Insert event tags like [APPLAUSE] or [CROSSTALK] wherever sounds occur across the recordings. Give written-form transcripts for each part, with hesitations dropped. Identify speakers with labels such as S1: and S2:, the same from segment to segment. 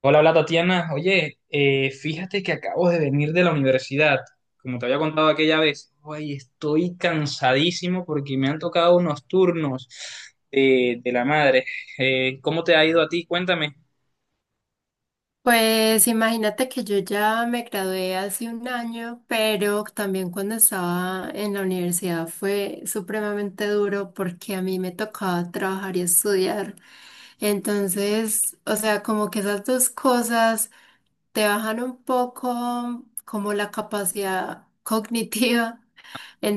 S1: Hola, hola Tatiana. Oye, fíjate que acabo de venir de la universidad. Como te había contado aquella vez, oye, estoy cansadísimo porque me han tocado unos turnos de la madre. ¿Cómo te ha ido a ti? Cuéntame.
S2: Pues imagínate que yo ya me gradué hace 1 año, pero también cuando estaba en la universidad fue supremamente duro porque a mí me tocaba trabajar y estudiar. Entonces, o sea, como que esas dos cosas te bajan un poco como la capacidad [LAUGHS] cognitiva.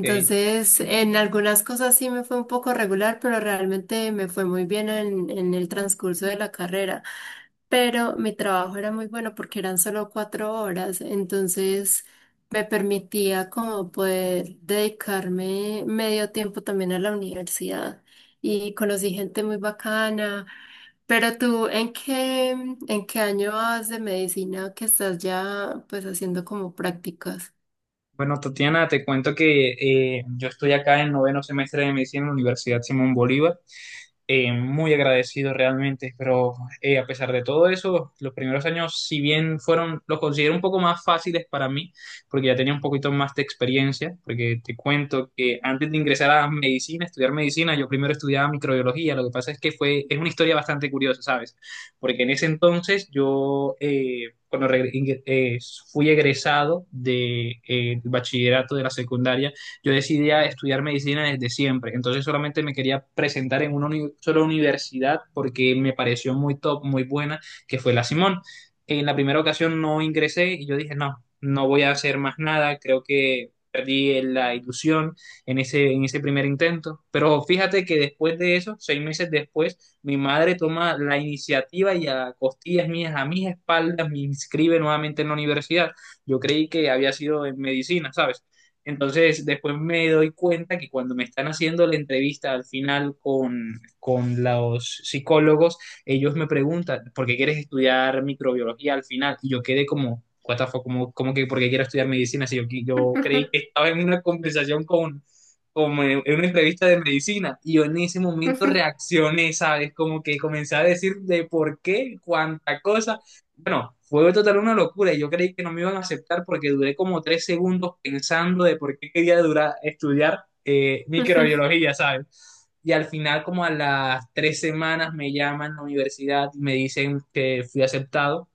S1: Ok.
S2: en algunas cosas sí me fue un poco regular, pero realmente me fue muy bien en el transcurso de la carrera, pero mi trabajo era muy bueno porque eran solo 4 horas, entonces me permitía como poder dedicarme medio tiempo también a la universidad y conocí gente muy bacana. Pero tú, ¿en qué año vas de medicina que estás ya pues haciendo como prácticas?
S1: Bueno, Tatiana, te cuento que yo estoy acá en noveno semestre de medicina en la Universidad Simón Bolívar. Muy agradecido realmente, pero a pesar de todo eso, los primeros años, si bien fueron, los considero un poco más fáciles para mí, porque ya tenía un poquito más de experiencia, porque te cuento que antes de ingresar a medicina, estudiar medicina, yo primero estudiaba microbiología, lo que pasa es que fue, es una historia bastante curiosa, ¿sabes? Porque en ese entonces yo, cuando fui egresado del bachillerato de la secundaria, yo decidí a estudiar medicina desde siempre, entonces solamente me quería presentar en una uni sola universidad porque me pareció muy top, muy buena, que fue la Simón. En la primera ocasión no ingresé y yo dije, no, no voy a hacer más nada, creo que perdí la ilusión en ese primer intento. Pero fíjate que después de eso, 6 meses después, mi madre toma la iniciativa y a costillas mías, a mis espaldas, me inscribe nuevamente en la universidad. Yo creí que había sido en medicina, ¿sabes? Entonces, después me doy cuenta que cuando me están haciendo la entrevista al final con los psicólogos, ellos me preguntan, ¿por qué quieres estudiar microbiología al final? Y yo quedé como, what the fuck, como, como que ¿por qué quiero estudiar medicina, si yo creí que estaba en una conversación con, como en una entrevista de medicina. Y yo en ese momento
S2: [LAUGHS]
S1: reaccioné, ¿sabes? Como que comencé a decir de por qué, cuánta cosa. Bueno, fue total una locura. Yo creí que no me iban a aceptar porque duré como 3 segundos pensando de por qué quería durar, estudiar microbiología, ¿sabes? Y al final, como a las 3 semanas, me llaman a la universidad y me dicen que fui aceptado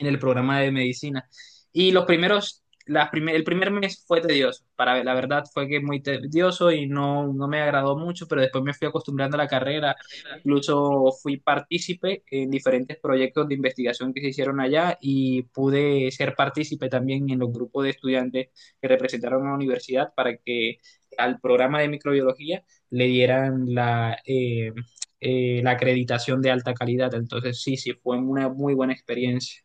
S1: en el programa de medicina. Y los primeros, las prim- el primer mes fue tedioso, para la verdad fue que muy tedioso y no, no me agradó mucho, pero después me fui acostumbrando a la carrera, incluso fui partícipe en diferentes proyectos de investigación que se hicieron allá y pude ser partícipe también en los grupos de estudiantes que representaron a la universidad para que al programa de microbiología le dieran la acreditación de alta calidad, entonces sí, sí, fue una muy buena experiencia.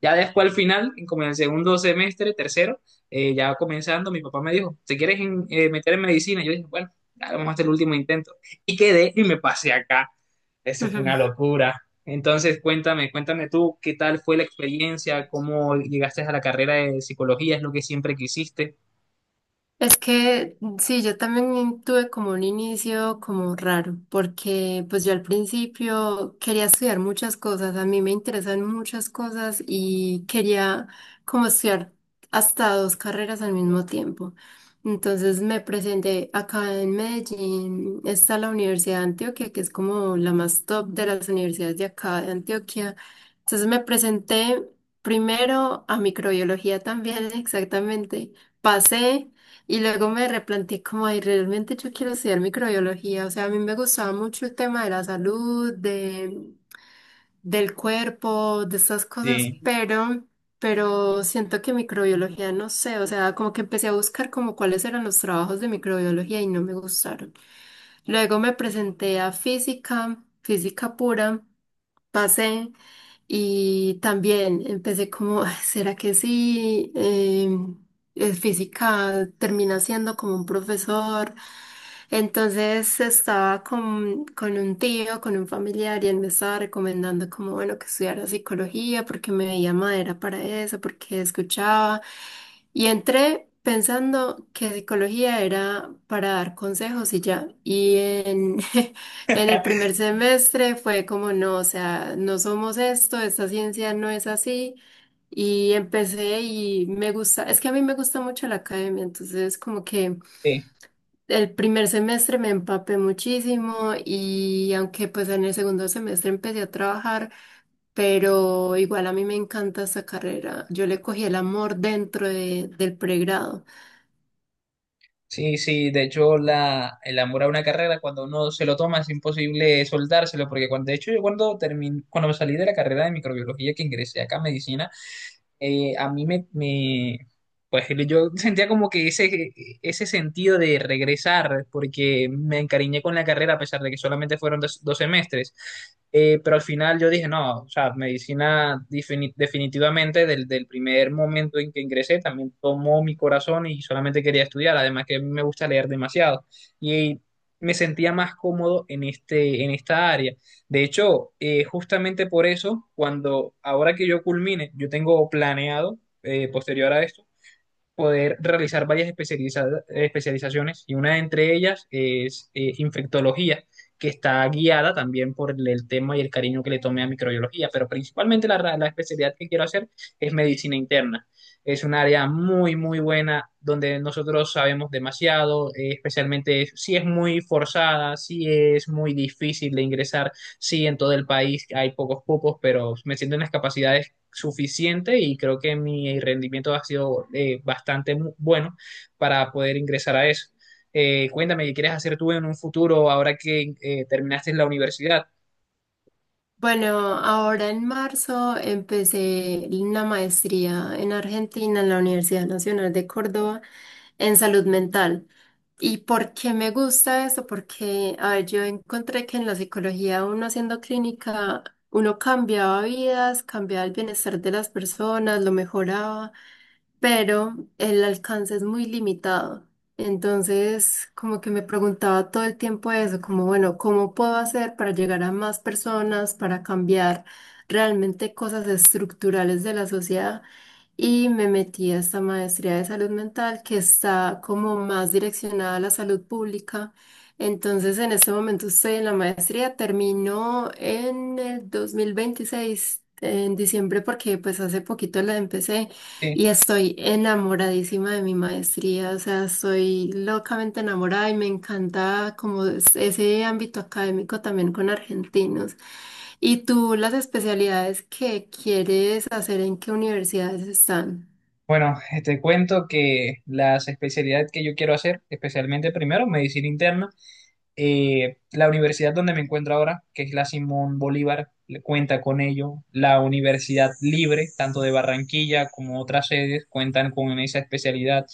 S1: Ya después al final, como en el segundo semestre, tercero, ya comenzando, mi papá me dijo, ¿te quieres meter en medicina? Yo dije, bueno, dale, vamos a hacer el último intento. Y quedé y me pasé acá. Eso fue una locura. Entonces, cuéntame, cuéntame tú, ¿qué tal fue la experiencia? ¿Cómo llegaste a la carrera de psicología? ¿Es lo que siempre quisiste?
S2: Es que mm, sí, yo también tuve como un inicio como raro, porque pues yo al principio quería estudiar muchas cosas, a mí me interesan muchas cosas y quería como estudiar hasta dos carreras al mismo tiempo. Entonces me presenté acá en Medellín, está la Universidad de Antioquia, que es como la más top de las universidades de acá de Antioquia. Entonces me presenté primero a microbiología también, [LAUGHS] exactamente. Pasé. Y luego me replanteé como, ay, realmente yo quiero estudiar microbiología. O sea, a mí me gustaba mucho el tema de la salud, de, del cuerpo, de estas cosas,
S1: Sí,
S2: pero siento que microbiología, no sé, o sea, como que empecé a buscar como cuáles eran los trabajos de microbiología y no me gustaron. Luego me presenté a física, física pura, pasé y también empecé como, "Ay, ¿será que sí? Es física, termina siendo como un profesor". Entonces estaba con un tío, con un familiar, y él me estaba recomendando como, bueno, que estudiara psicología porque me veía madera para eso, porque escuchaba. Y entré pensando que psicología era para dar consejos y ya. Y en, [LAUGHS] en el primer semestre fue como, no, o sea, no somos esto, esta ciencia no es así. Y empecé y me gusta, es que a mí me gusta mucho la academia, entonces como que...
S1: sí,
S2: El primer semestre me empapé muchísimo y aunque pues en el segundo semestre empecé a trabajar, pero igual a mí me encanta esa carrera. Yo le cogí el amor dentro del pregrado.
S1: sí, sí, de hecho la, el amor a una carrera cuando uno se lo toma es imposible soltárselo, porque cuando, de hecho yo cuando, termin, cuando me salí de la carrera de microbiología que ingresé acá a medicina, a mí me, me- pues yo sentía como que ese sentido de regresar, porque me encariñé con la carrera a pesar de que solamente fueron 2 semestres. Pero al final yo dije, no, o sea, medicina definitivamente del primer momento en que ingresé también tomó mi corazón y solamente quería estudiar, además que a mí me gusta leer demasiado y me sentía más cómodo en esta área. De hecho, justamente por eso, cuando ahora que yo culmine, yo tengo planeado, posterior a esto, poder realizar varias especializaciones y una de entre ellas es infectología, que está guiada también por el tema y el cariño que le tomé a microbiología, pero principalmente la especialidad que quiero hacer es medicina interna. Es un área muy, muy buena donde nosotros sabemos demasiado, especialmente si es muy forzada, si es muy difícil de ingresar, si en todo el país hay pocos cupos, pero me siento en las capacidades suficiente y creo que mi rendimiento ha sido bastante bueno para poder ingresar a eso. Cuéntame, ¿qué quieres hacer tú en un futuro ahora que terminaste la universidad?
S2: Bueno, ahora en marzo empecé una maestría en Argentina, en la Universidad Nacional de Córdoba, en salud mental. ¿Y por qué me gusta eso? Porque, a ver, yo encontré que en la psicología, uno haciendo clínica, uno cambiaba vidas, cambiaba el bienestar de las personas, lo mejoraba, pero el alcance es muy limitado. Entonces, como que me preguntaba todo el tiempo eso, como, bueno, ¿cómo puedo hacer para llegar a más personas, para cambiar realmente cosas estructurales de la sociedad? Y me metí a esta maestría de salud mental que está como más direccionada a la salud pública. Entonces, en este momento estoy en la maestría, terminó en el 2026 en diciembre, porque pues hace poquito la empecé
S1: Eh,
S2: y estoy enamoradísima de mi maestría, o sea, estoy locamente enamorada y me encanta como ese ámbito académico también con argentinos. ¿Y tú las especialidades que quieres hacer en qué universidades están?
S1: bueno, te cuento que las especialidades que yo quiero hacer, especialmente primero medicina interna. La universidad donde me encuentro ahora, que es la Simón Bolívar, cuenta con ello. La Universidad Libre, tanto de Barranquilla como otras sedes, cuentan con esa especialidad.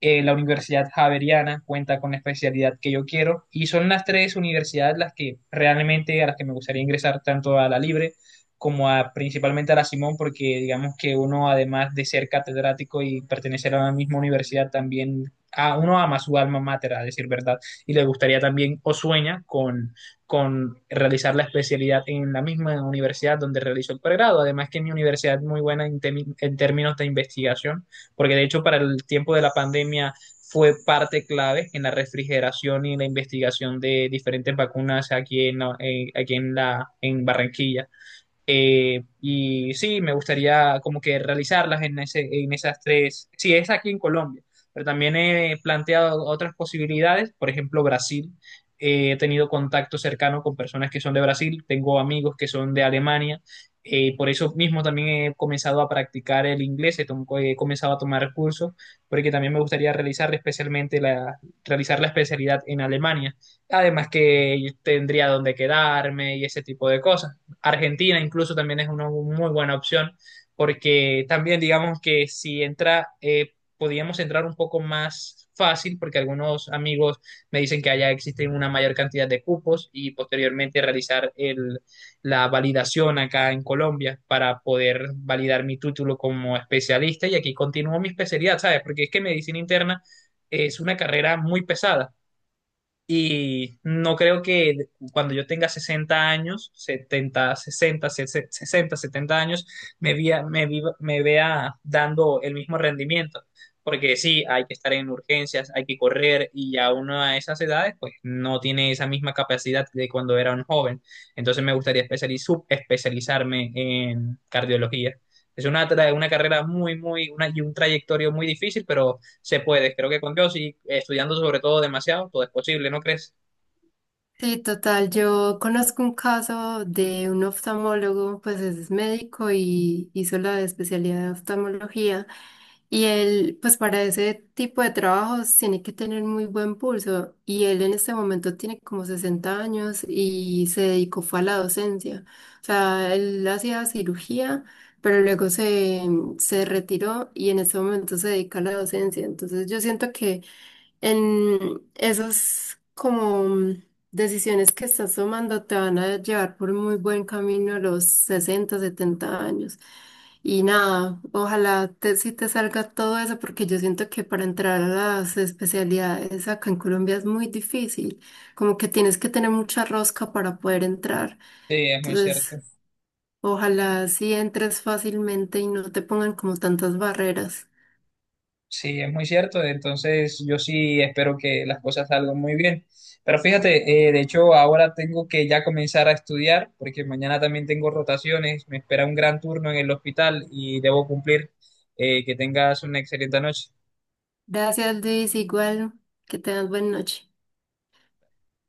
S1: La Universidad Javeriana cuenta con la especialidad que yo quiero. Y son las tres universidades las que realmente a las que me gustaría ingresar, tanto a la Libre como a, principalmente a la Simón, porque digamos que uno, además de ser catedrático y pertenecer a la misma universidad, también uno ama su alma mater, a decir verdad y le gustaría también o sueña con realizar la especialidad en la misma universidad donde realizó el pregrado. Además que mi universidad es muy buena en términos de investigación, porque de hecho para el tiempo de la pandemia fue parte clave en la refrigeración y la investigación de diferentes vacunas aquí en Barranquilla. Y sí, me gustaría como que realizarlas en esas tres. Sí, es aquí en Colombia, pero también he planteado otras posibilidades, por ejemplo, Brasil. He tenido contacto cercano con personas que son de Brasil, tengo amigos que son de Alemania. Por eso mismo también he comenzado a practicar el inglés, he comenzado a tomar cursos, porque también me gustaría realizar especialmente realizar la especialidad en Alemania. Además que tendría donde quedarme y ese tipo de cosas. Argentina incluso también es una muy buena opción, porque también digamos que si entra, podíamos entrar un poco más fácil, porque algunos amigos me dicen que allá existe una mayor cantidad de cupos y posteriormente realizar la validación acá en Colombia para poder validar mi título como especialista y aquí continúo mi especialidad, ¿sabes? Porque es que medicina interna es una carrera muy pesada y no creo que cuando yo tenga 60 años, 70, 60, 60 70 años, me vea dando el mismo rendimiento. Porque sí, hay que estar en urgencias, hay que correr y ya uno a esas edades, pues no tiene esa misma capacidad de cuando era un joven. Entonces me gustaría subespecializarme en cardiología. Es una, tra- una carrera muy, muy, una, y un trayectorio muy difícil, pero se puede. Creo que con Dios y estudiando sobre todo demasiado, todo es posible, ¿no crees?
S2: Sí, total. Yo conozco un caso de un oftalmólogo, pues es médico y hizo la especialidad de oftalmología. Y él, pues para ese tipo de trabajos tiene que tener muy buen pulso. Y él en este momento tiene como 60 años y se dedicó fue a la docencia. O sea, él hacía cirugía, pero luego se retiró y en este momento se dedica a la docencia. Entonces yo siento que en esas como decisiones que estás tomando te van a llevar por muy buen camino a los 60, 70 años. Y nada, ojalá sí te salga todo eso, porque yo siento que para entrar a las especialidades acá en Colombia es muy difícil, como que tienes que tener mucha rosca para poder entrar.
S1: Sí, es muy cierto.
S2: Entonces, ojalá sí entres fácilmente y no te pongan como tantas barreras.
S1: Sí, es muy cierto. Entonces, yo sí espero que las cosas salgan muy bien. Pero fíjate, de hecho, ahora tengo que ya comenzar a estudiar porque mañana también tengo rotaciones. Me espera un gran turno en el hospital y debo cumplir. Que tengas una excelente noche.
S2: Gracias, Luis, igual, que tengas buena noche.